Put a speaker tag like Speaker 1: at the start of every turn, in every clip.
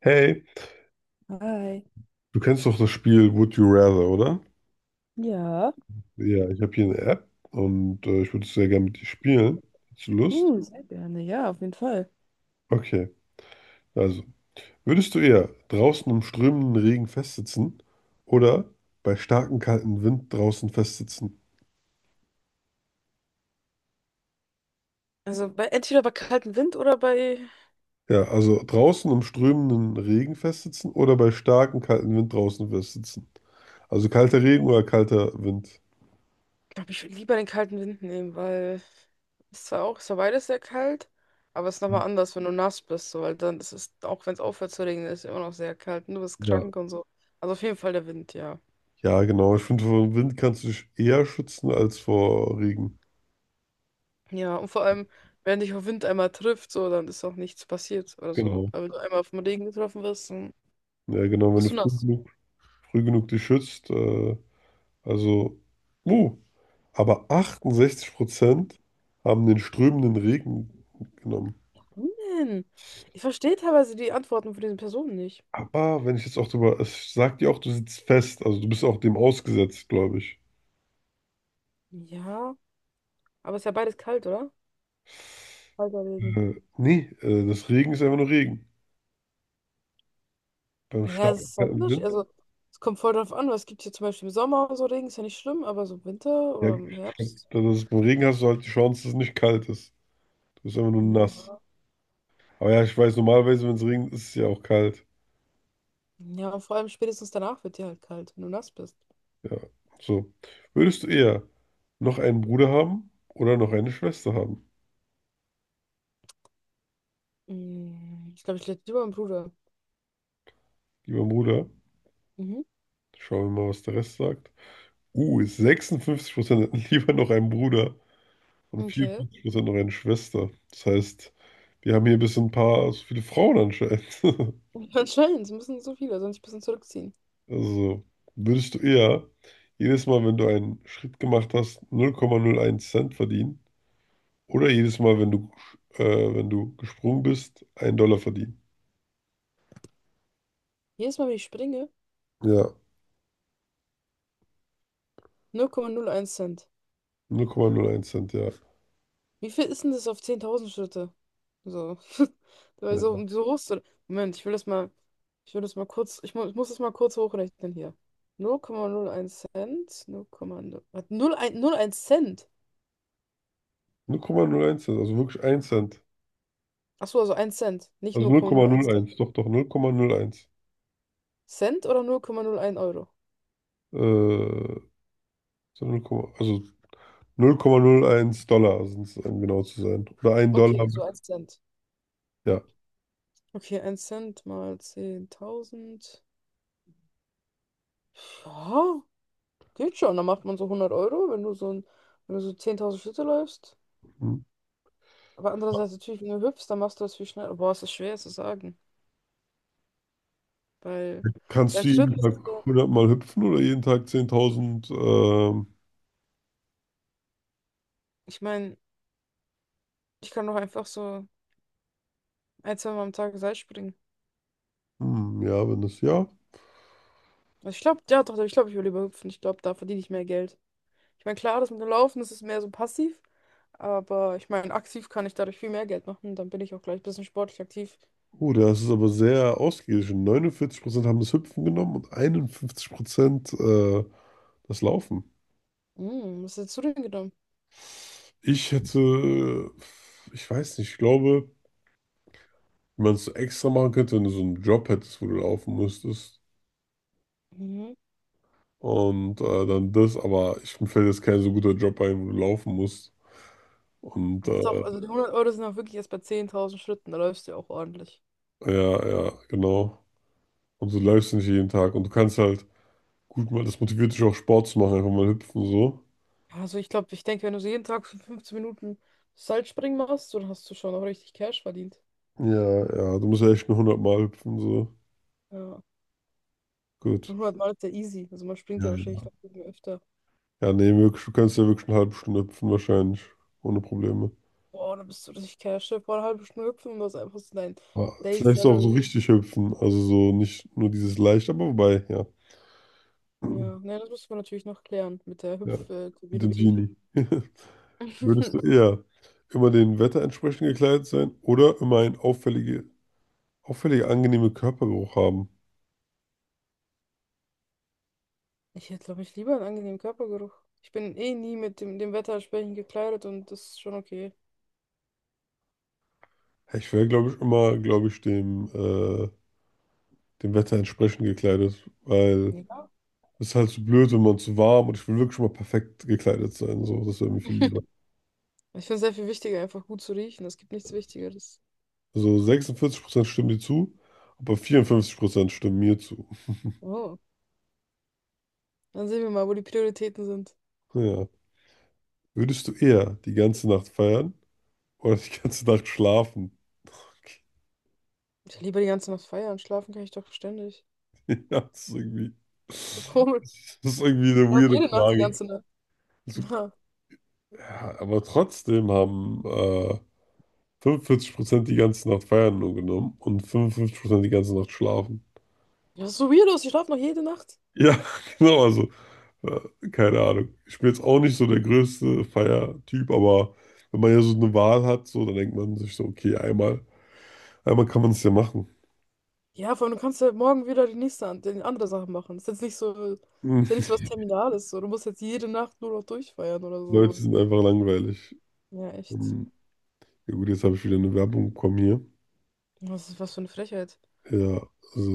Speaker 1: Hey,
Speaker 2: Hi.
Speaker 1: du kennst doch das Spiel Would You Rather, oder?
Speaker 2: Ja,
Speaker 1: Ja, ich habe hier eine App und ich würde es sehr gerne mit dir spielen. Hast du Lust?
Speaker 2: Hm. sehr gerne. Ja, auf jeden Fall.
Speaker 1: Okay, also, würdest du eher draußen im strömenden Regen festsitzen oder bei starkem kalten Wind draußen festsitzen?
Speaker 2: Also bei, entweder bei kaltem Wind oder bei.
Speaker 1: Ja, also draußen im strömenden Regen festsitzen oder bei starkem kalten Wind draußen festsitzen. Also kalter Regen oder kalter Wind?
Speaker 2: Ich glaube, ich würde lieber den kalten Wind nehmen, weil es zwar auch, es war beides sehr kalt, aber es ist nochmal anders, wenn du nass bist, so, weil dann ist es, auch wenn es aufhört zu regnen, ist es immer noch sehr kalt und du bist
Speaker 1: Ja.
Speaker 2: krank und so. Also auf jeden Fall der Wind, ja.
Speaker 1: Ja, genau. Ich finde, vor dem Wind kannst du dich eher schützen als vor Regen.
Speaker 2: Ja, und vor allem, wenn dich der Wind einmal trifft, so, dann ist auch nichts passiert oder so.
Speaker 1: Genau.
Speaker 2: Aber wenn du einmal vom Regen getroffen wirst, dann
Speaker 1: Ja, genau. Wenn du
Speaker 2: bist du
Speaker 1: früh
Speaker 2: nass.
Speaker 1: genug dich schützt. Also, uh, aber 68% haben den strömenden Regen genommen.
Speaker 2: Warum denn? Ich verstehe teilweise die Antworten von diesen Personen nicht.
Speaker 1: Aber wenn ich jetzt auch drüber, es sagt dir auch, du sitzt fest, also du bist auch dem ausgesetzt, glaube ich.
Speaker 2: Ja. Aber es ist ja beides kalt, oder? Kalter Regen.
Speaker 1: Nee, das Regen ist einfach nur Regen. Beim
Speaker 2: Naja, es
Speaker 1: starken
Speaker 2: ist halt
Speaker 1: kalten
Speaker 2: unterschiedlich.
Speaker 1: Wind,
Speaker 2: Also, es kommt voll drauf an, was es gibt hier zum Beispiel im Sommer so Regen, ist ja nicht schlimm, aber so im Winter
Speaker 1: ja,
Speaker 2: oder im
Speaker 1: ich
Speaker 2: Herbst.
Speaker 1: glaub, das ist, beim Regen hast du halt die Chance, dass es nicht kalt ist. Du bist einfach nur nass.
Speaker 2: Ja.
Speaker 1: Aber ja, ich weiß, normalerweise, wenn es regnet, ist es ja auch kalt.
Speaker 2: Ja, und vor allem spätestens danach wird dir halt kalt, wenn du nass bist.
Speaker 1: Ja, so. Würdest du eher noch einen Bruder haben oder noch eine Schwester haben?
Speaker 2: Ich glaube, ich lebe lieber meinem Bruder.
Speaker 1: Lieber Bruder,
Speaker 2: Mhm.
Speaker 1: schauen wir mal, was der Rest sagt. Ist 56% hätten lieber noch einen Bruder und
Speaker 2: Okay.
Speaker 1: 54% noch eine Schwester. Das heißt, wir haben hier bis ein paar, so viele Frauen anscheinend.
Speaker 2: Anscheinend, es müssen so viele, sonst ein bisschen zurückziehen.
Speaker 1: Also, würdest du eher jedes Mal, wenn du einen Schritt gemacht hast, null null Komma null eins Cent verdienen oder jedes Mal, äh, wenn du gesprungen bist, einen Dollar verdienen?
Speaker 2: Jedes Mal, wenn ich springe,
Speaker 1: Ja, Null
Speaker 2: 0,01 Cent.
Speaker 1: null Komma null eins Cent, ja.
Speaker 2: Wie viel ist denn das auf 10.000 Schritte? So. Dabei so,
Speaker 1: Ja.
Speaker 2: so hoch. Moment, ich will das mal, ich will das mal kurz, ich muss das mal kurz hochrechnen hier. 0,01 Cent, 0,0, was, 0,1 Cent.
Speaker 1: Null Komma null eins Cent, also wirklich ein Cent.
Speaker 2: Achso, also ein Cent, nicht
Speaker 1: Also null Komma
Speaker 2: 0,01
Speaker 1: null
Speaker 2: Cent.
Speaker 1: eins, doch, doch, 0,01.
Speaker 2: Cent oder 0,01 Euro?
Speaker 1: Äh, so 0, also $0,01 sind es, um genau zu sein. Oder ein
Speaker 2: Okay,
Speaker 1: Dollar,
Speaker 2: also ein Cent.
Speaker 1: ja.
Speaker 2: Okay, ein Cent mal 10.000. Ja, geht schon. Dann macht man so 100 Euro, wenn du so, ein, wenn du so 10.000 Schritte läufst.
Speaker 1: Hm.
Speaker 2: Aber andererseits natürlich, wenn du hüpfst, dann machst du das viel schneller. Boah, es ist schwer zu sagen. Weil
Speaker 1: Kannst
Speaker 2: beim
Speaker 1: du
Speaker 2: Schwimmen
Speaker 1: jeden
Speaker 2: ist es ja,
Speaker 1: Tag 100 Mal hüpfen oder jeden Tag 10.000?
Speaker 2: ich meine, ich kann doch einfach so ein, zwei Mal am Tag Seil springen.
Speaker 1: Hm, ja, wenn das ja.
Speaker 2: Also ich glaube, ja doch, ich glaube, ich will lieber hüpfen. Ich glaube, da verdiene ich mehr Geld. Ich meine, klar, das mit dem Laufen, das ist mehr so passiv. Aber ich meine, aktiv kann ich dadurch viel mehr Geld machen. Dann bin ich auch gleich ein bisschen sportlich aktiv.
Speaker 1: Oh, das ist aber sehr ausgeglichen. 49% haben das Hüpfen genommen und 51% das Laufen.
Speaker 2: Hm, was hättest du denn genommen?
Speaker 1: Ich hätte, ich weiß nicht, ich glaube, wie man es extra machen könnte, wenn du so einen Job hättest, wo du laufen müsstest.
Speaker 2: Mhm.
Speaker 1: Und dann das, aber ich, mir fällt jetzt kein so guter Job ein, wo du laufen musst. Und
Speaker 2: Das ist auch, also die 100 Euro sind auch wirklich erst bei 10.000 Schritten. Da läufst du ja auch ordentlich.
Speaker 1: ja, ja, genau. Und du läufst nicht jeden Tag. Und du kannst halt, gut, mal, das motiviert dich auch Sport zu machen, einfach mal hüpfen so.
Speaker 2: Also ich glaube, ich denke, wenn du so jeden Tag für 15 Minuten Seilspringen machst, so, dann hast du schon auch richtig Cash verdient.
Speaker 1: Ja, ja, du musst ja echt nur 100 Mal hüpfen so.
Speaker 2: Ja.
Speaker 1: Gut.
Speaker 2: 100 Mal ist ja easy. Also man springt ja
Speaker 1: Ja,
Speaker 2: wahrscheinlich
Speaker 1: ja.
Speaker 2: noch irgendwie öfter.
Speaker 1: Ja, nee, wirklich, du kannst ja wirklich eine halbe Stunde hüpfen wahrscheinlich, ohne Probleme.
Speaker 2: Boah, dann bist du richtig Cash. Stell dir vor, eine halbe Stunde hüpfen und das ist einfach so dein
Speaker 1: Aber
Speaker 2: Day
Speaker 1: vielleicht auch so
Speaker 2: Salary.
Speaker 1: richtig hüpfen, also so nicht nur dieses leicht, aber wobei, ja.
Speaker 2: Ja, ne, das müsste man natürlich noch klären mit der
Speaker 1: Ja, mit dem
Speaker 2: Hüpf-Community.
Speaker 1: Genie. Würdest du eher immer dem Wetter entsprechend gekleidet sein oder immer einen auffällige, auffällige angenehme Körpergeruch haben?
Speaker 2: Ich hätte, glaube ich, lieber einen angenehmen Körpergeruch. Ich bin eh nie mit dem, dem Wetter entsprechend gekleidet und das ist schon okay.
Speaker 1: Ja, ich wäre, glaube ich, immer, glaube ich, dem Wetter entsprechend gekleidet, weil
Speaker 2: Ja.
Speaker 1: es ist halt zu blöd, wenn man zu warm und ich will wirklich mal perfekt gekleidet sein. So, das wäre mir viel lieber.
Speaker 2: Ich finde es sehr viel wichtiger, einfach gut zu riechen. Es gibt nichts Wichtigeres.
Speaker 1: Also 46% stimmen dir zu, aber 54% stimmen mir zu.
Speaker 2: Oh. Dann sehen wir mal, wo die Prioritäten sind.
Speaker 1: Ja. Würdest du eher die ganze Nacht feiern oder die ganze Nacht schlafen? Okay.
Speaker 2: Ich lieber die ganze Nacht feiern. Schlafen kann ich doch ständig.
Speaker 1: Ja,
Speaker 2: So
Speaker 1: das
Speaker 2: komisch.
Speaker 1: ist irgendwie
Speaker 2: Ich
Speaker 1: eine
Speaker 2: schlafe
Speaker 1: weirde
Speaker 2: jede Nacht die
Speaker 1: Frage.
Speaker 2: ganze Nacht.
Speaker 1: Also, ja, aber trotzdem haben 45% die ganze Nacht feiern nur genommen und 55% die ganze Nacht schlafen.
Speaker 2: Ja, das ist so weird aus. Ich schlafe noch jede Nacht.
Speaker 1: Ja, genau, also keine Ahnung. Ich bin jetzt auch nicht so der größte Feiertyp, aber wenn man ja so eine Wahl hat, so, dann denkt man sich so, okay, einmal, einmal kann man es ja machen.
Speaker 2: Ja, vor allem, du kannst ja morgen wieder die nächste die andere Sache machen. Das ist jetzt nicht so, das
Speaker 1: Hm,
Speaker 2: ist ja nicht so was Terminales. So. Du musst jetzt jede Nacht nur noch durchfeiern oder
Speaker 1: die
Speaker 2: so.
Speaker 1: Leute sind einfach langweilig.
Speaker 2: Ja, echt.
Speaker 1: Ähm, ja gut, jetzt habe ich wieder eine Werbung bekommen hier.
Speaker 2: Was ist was für eine Frechheit.
Speaker 1: Ja,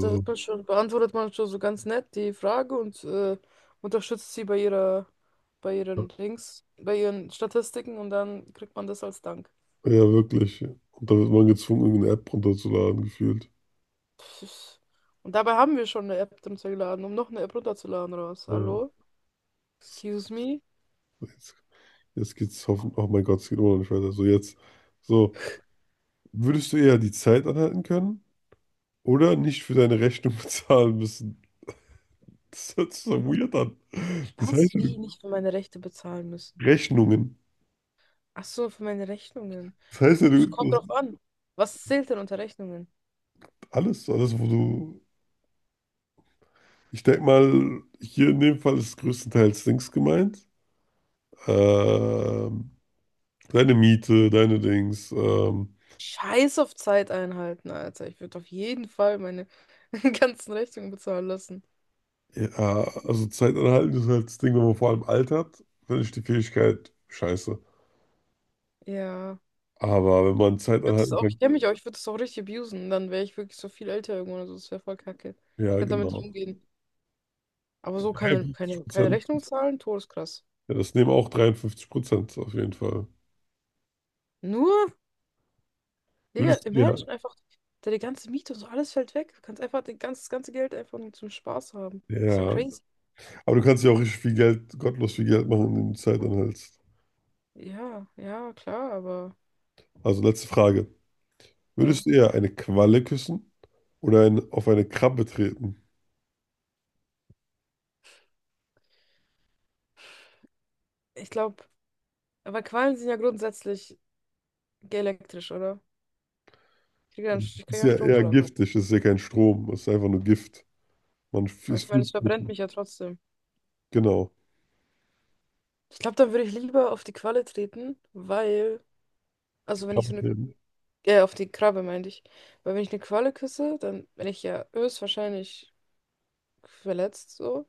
Speaker 2: Da wird man schon, beantwortet man schon so ganz nett die Frage und unterstützt sie bei ihrer, bei ihren Dings, bei ihren Statistiken und dann kriegt man das als Dank.
Speaker 1: Ja, wirklich. Und da wird man gezwungen, irgendeine App runterzuladen, gefühlt.
Speaker 2: Und dabei haben wir schon eine App runtergeladen, um noch eine App runterzuladen raus.
Speaker 1: Ja,
Speaker 2: Hallo? Excuse me?
Speaker 1: jetzt, jetzt geht's hoffentlich. Oh mein Gott, es geht immer noch nicht weiter. So, jetzt. So, würdest du eher die Zeit anhalten können oder nicht für deine Rechnung bezahlen müssen? Das hört sich so weird an. Das
Speaker 2: Was?
Speaker 1: heißt, ja,
Speaker 2: Wie? Nicht für meine Rechte bezahlen müssen.
Speaker 1: Rechnungen.
Speaker 2: Ach so, für meine Rechnungen.
Speaker 1: Das heißt, ja, du,
Speaker 2: Es kommt
Speaker 1: das
Speaker 2: drauf an. Was zählt denn unter Rechnungen?
Speaker 1: alles, alles, wo du. Ich denke mal, hier in dem Fall ist größtenteils Dings gemeint. Ähm, deine Miete, deine Dings. Ähm,
Speaker 2: Scheiß auf Zeit einhalten, Alter. Ich würde auf jeden Fall meine ganzen Rechnungen bezahlen lassen.
Speaker 1: Ja, also Zeit anhalten ist halt das Ding, wenn man vor allem altert, finde ich die Fähigkeit scheiße.
Speaker 2: Ja. Ich
Speaker 1: Aber wenn man Zeit
Speaker 2: würde das
Speaker 1: anhalten
Speaker 2: auch, ich
Speaker 1: kann,
Speaker 2: kenne mich auch, ich würde das auch richtig abusen. Dann wäre ich wirklich so viel älter irgendwann. Also das wäre voll kacke. Ich
Speaker 1: ja,
Speaker 2: könnte damit nicht
Speaker 1: genau.
Speaker 2: umgehen. Aber so keine,
Speaker 1: 53
Speaker 2: keine, keine
Speaker 1: Prozent.
Speaker 2: Rechnung zahlen, todeskrass.
Speaker 1: Ja, das nehmen auch 53% auf jeden Fall.
Speaker 2: Nur? Digga,
Speaker 1: Würdest du, ja,
Speaker 2: imagine einfach, deine ganze Miete und so, alles fällt weg. Du kannst einfach das ganze Geld einfach nur zum Spaß haben. Ist ja
Speaker 1: ja.
Speaker 2: crazy.
Speaker 1: Aber du kannst ja auch richtig viel Geld, gottlos viel Geld machen, indem du Zeit anhältst.
Speaker 2: Ja, ja, klar, aber
Speaker 1: Also letzte Frage.
Speaker 2: ja.
Speaker 1: Würdest du eher eine Qualle küssen oder auf eine Krabbe treten?
Speaker 2: Ich glaube, aber Quallen sind ja grundsätzlich elektrisch, oder?
Speaker 1: Also,
Speaker 2: Ich
Speaker 1: das
Speaker 2: krieg
Speaker 1: ist
Speaker 2: ja einen
Speaker 1: ja eher
Speaker 2: Stromschlag.
Speaker 1: giftig, das ist ja kein Strom, das ist einfach nur Gift. Man
Speaker 2: Aber
Speaker 1: ist
Speaker 2: ich meine,
Speaker 1: viel
Speaker 2: es
Speaker 1: zu.
Speaker 2: verbrennt mich ja trotzdem.
Speaker 1: Genau.
Speaker 2: Ich glaube, dann würde ich lieber auf die Qualle treten, weil, also wenn ich
Speaker 1: Krabbe
Speaker 2: so eine,
Speaker 1: treten.
Speaker 2: auf die Krabbe meinte ich, weil wenn ich eine Qualle küsse, dann bin ich ja höchstwahrscheinlich verletzt, so.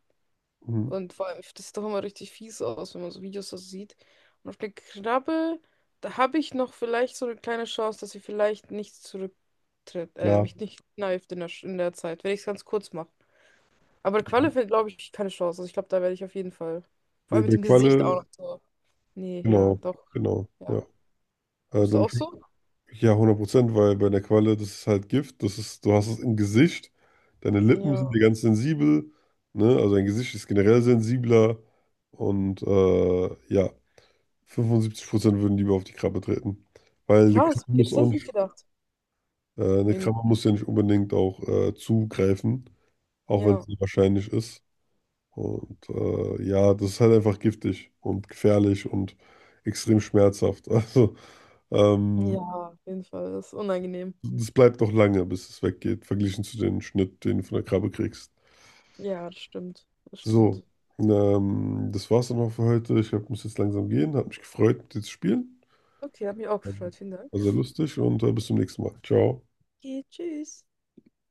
Speaker 1: Mhm.
Speaker 2: Und vor allem, das sieht doch immer richtig fies aus, wenn man so Videos so sieht. Und auf der Krabbe, da habe ich noch vielleicht so eine kleine Chance, dass sie vielleicht nicht zurücktritt,
Speaker 1: Ja,
Speaker 2: mich nicht kneift in der Zeit, wenn ich es ganz kurz mache. Aber Qualle fällt, glaube ich, keine Chance. Also ich glaube, da werde ich auf jeden Fall. Vor
Speaker 1: nee,
Speaker 2: allem mit
Speaker 1: bei
Speaker 2: dem Gesicht auch
Speaker 1: Qualle,
Speaker 2: noch so. Nee, ja,
Speaker 1: genau,
Speaker 2: doch.
Speaker 1: genau, ja.
Speaker 2: Ja. Bist du
Speaker 1: Dann,
Speaker 2: auch so?
Speaker 1: ja, 100%, weil bei der Qualle, das ist halt Gift, das ist, du hast es im Gesicht, deine Lippen sind dir
Speaker 2: Ja.
Speaker 1: ganz sensibel, ne, also dein Gesicht ist generell sensibler und ja, 75% würden lieber auf die Krabbe treten, weil eine
Speaker 2: Krass,
Speaker 1: Krabbe
Speaker 2: okay,
Speaker 1: muss
Speaker 2: das
Speaker 1: auch
Speaker 2: hätte ich nicht
Speaker 1: nicht,
Speaker 2: gedacht.
Speaker 1: eine Krabbe
Speaker 2: Irgendwie.
Speaker 1: muss ja nicht unbedingt auch zugreifen, auch wenn es
Speaker 2: Ja.
Speaker 1: sehr wahrscheinlich ist. Und ja, das ist halt einfach giftig und gefährlich und extrem schmerzhaft. Also,
Speaker 2: Ja, auf jeden Fall. Das ist unangenehm.
Speaker 1: das bleibt noch lange, bis es weggeht, verglichen zu dem Schnitt, den du von der Krabbe kriegst.
Speaker 2: Ja, das stimmt. Das
Speaker 1: So,
Speaker 2: stimmt.
Speaker 1: das war's dann auch für heute. Ich glaub, ich muss jetzt langsam gehen. Hat mich gefreut, mit dir zu spielen.
Speaker 2: Okay, hat mich auch gefreut. Vielen Dank.
Speaker 1: War sehr lustig und bis zum nächsten Mal. Ciao.
Speaker 2: Okay, tschüss.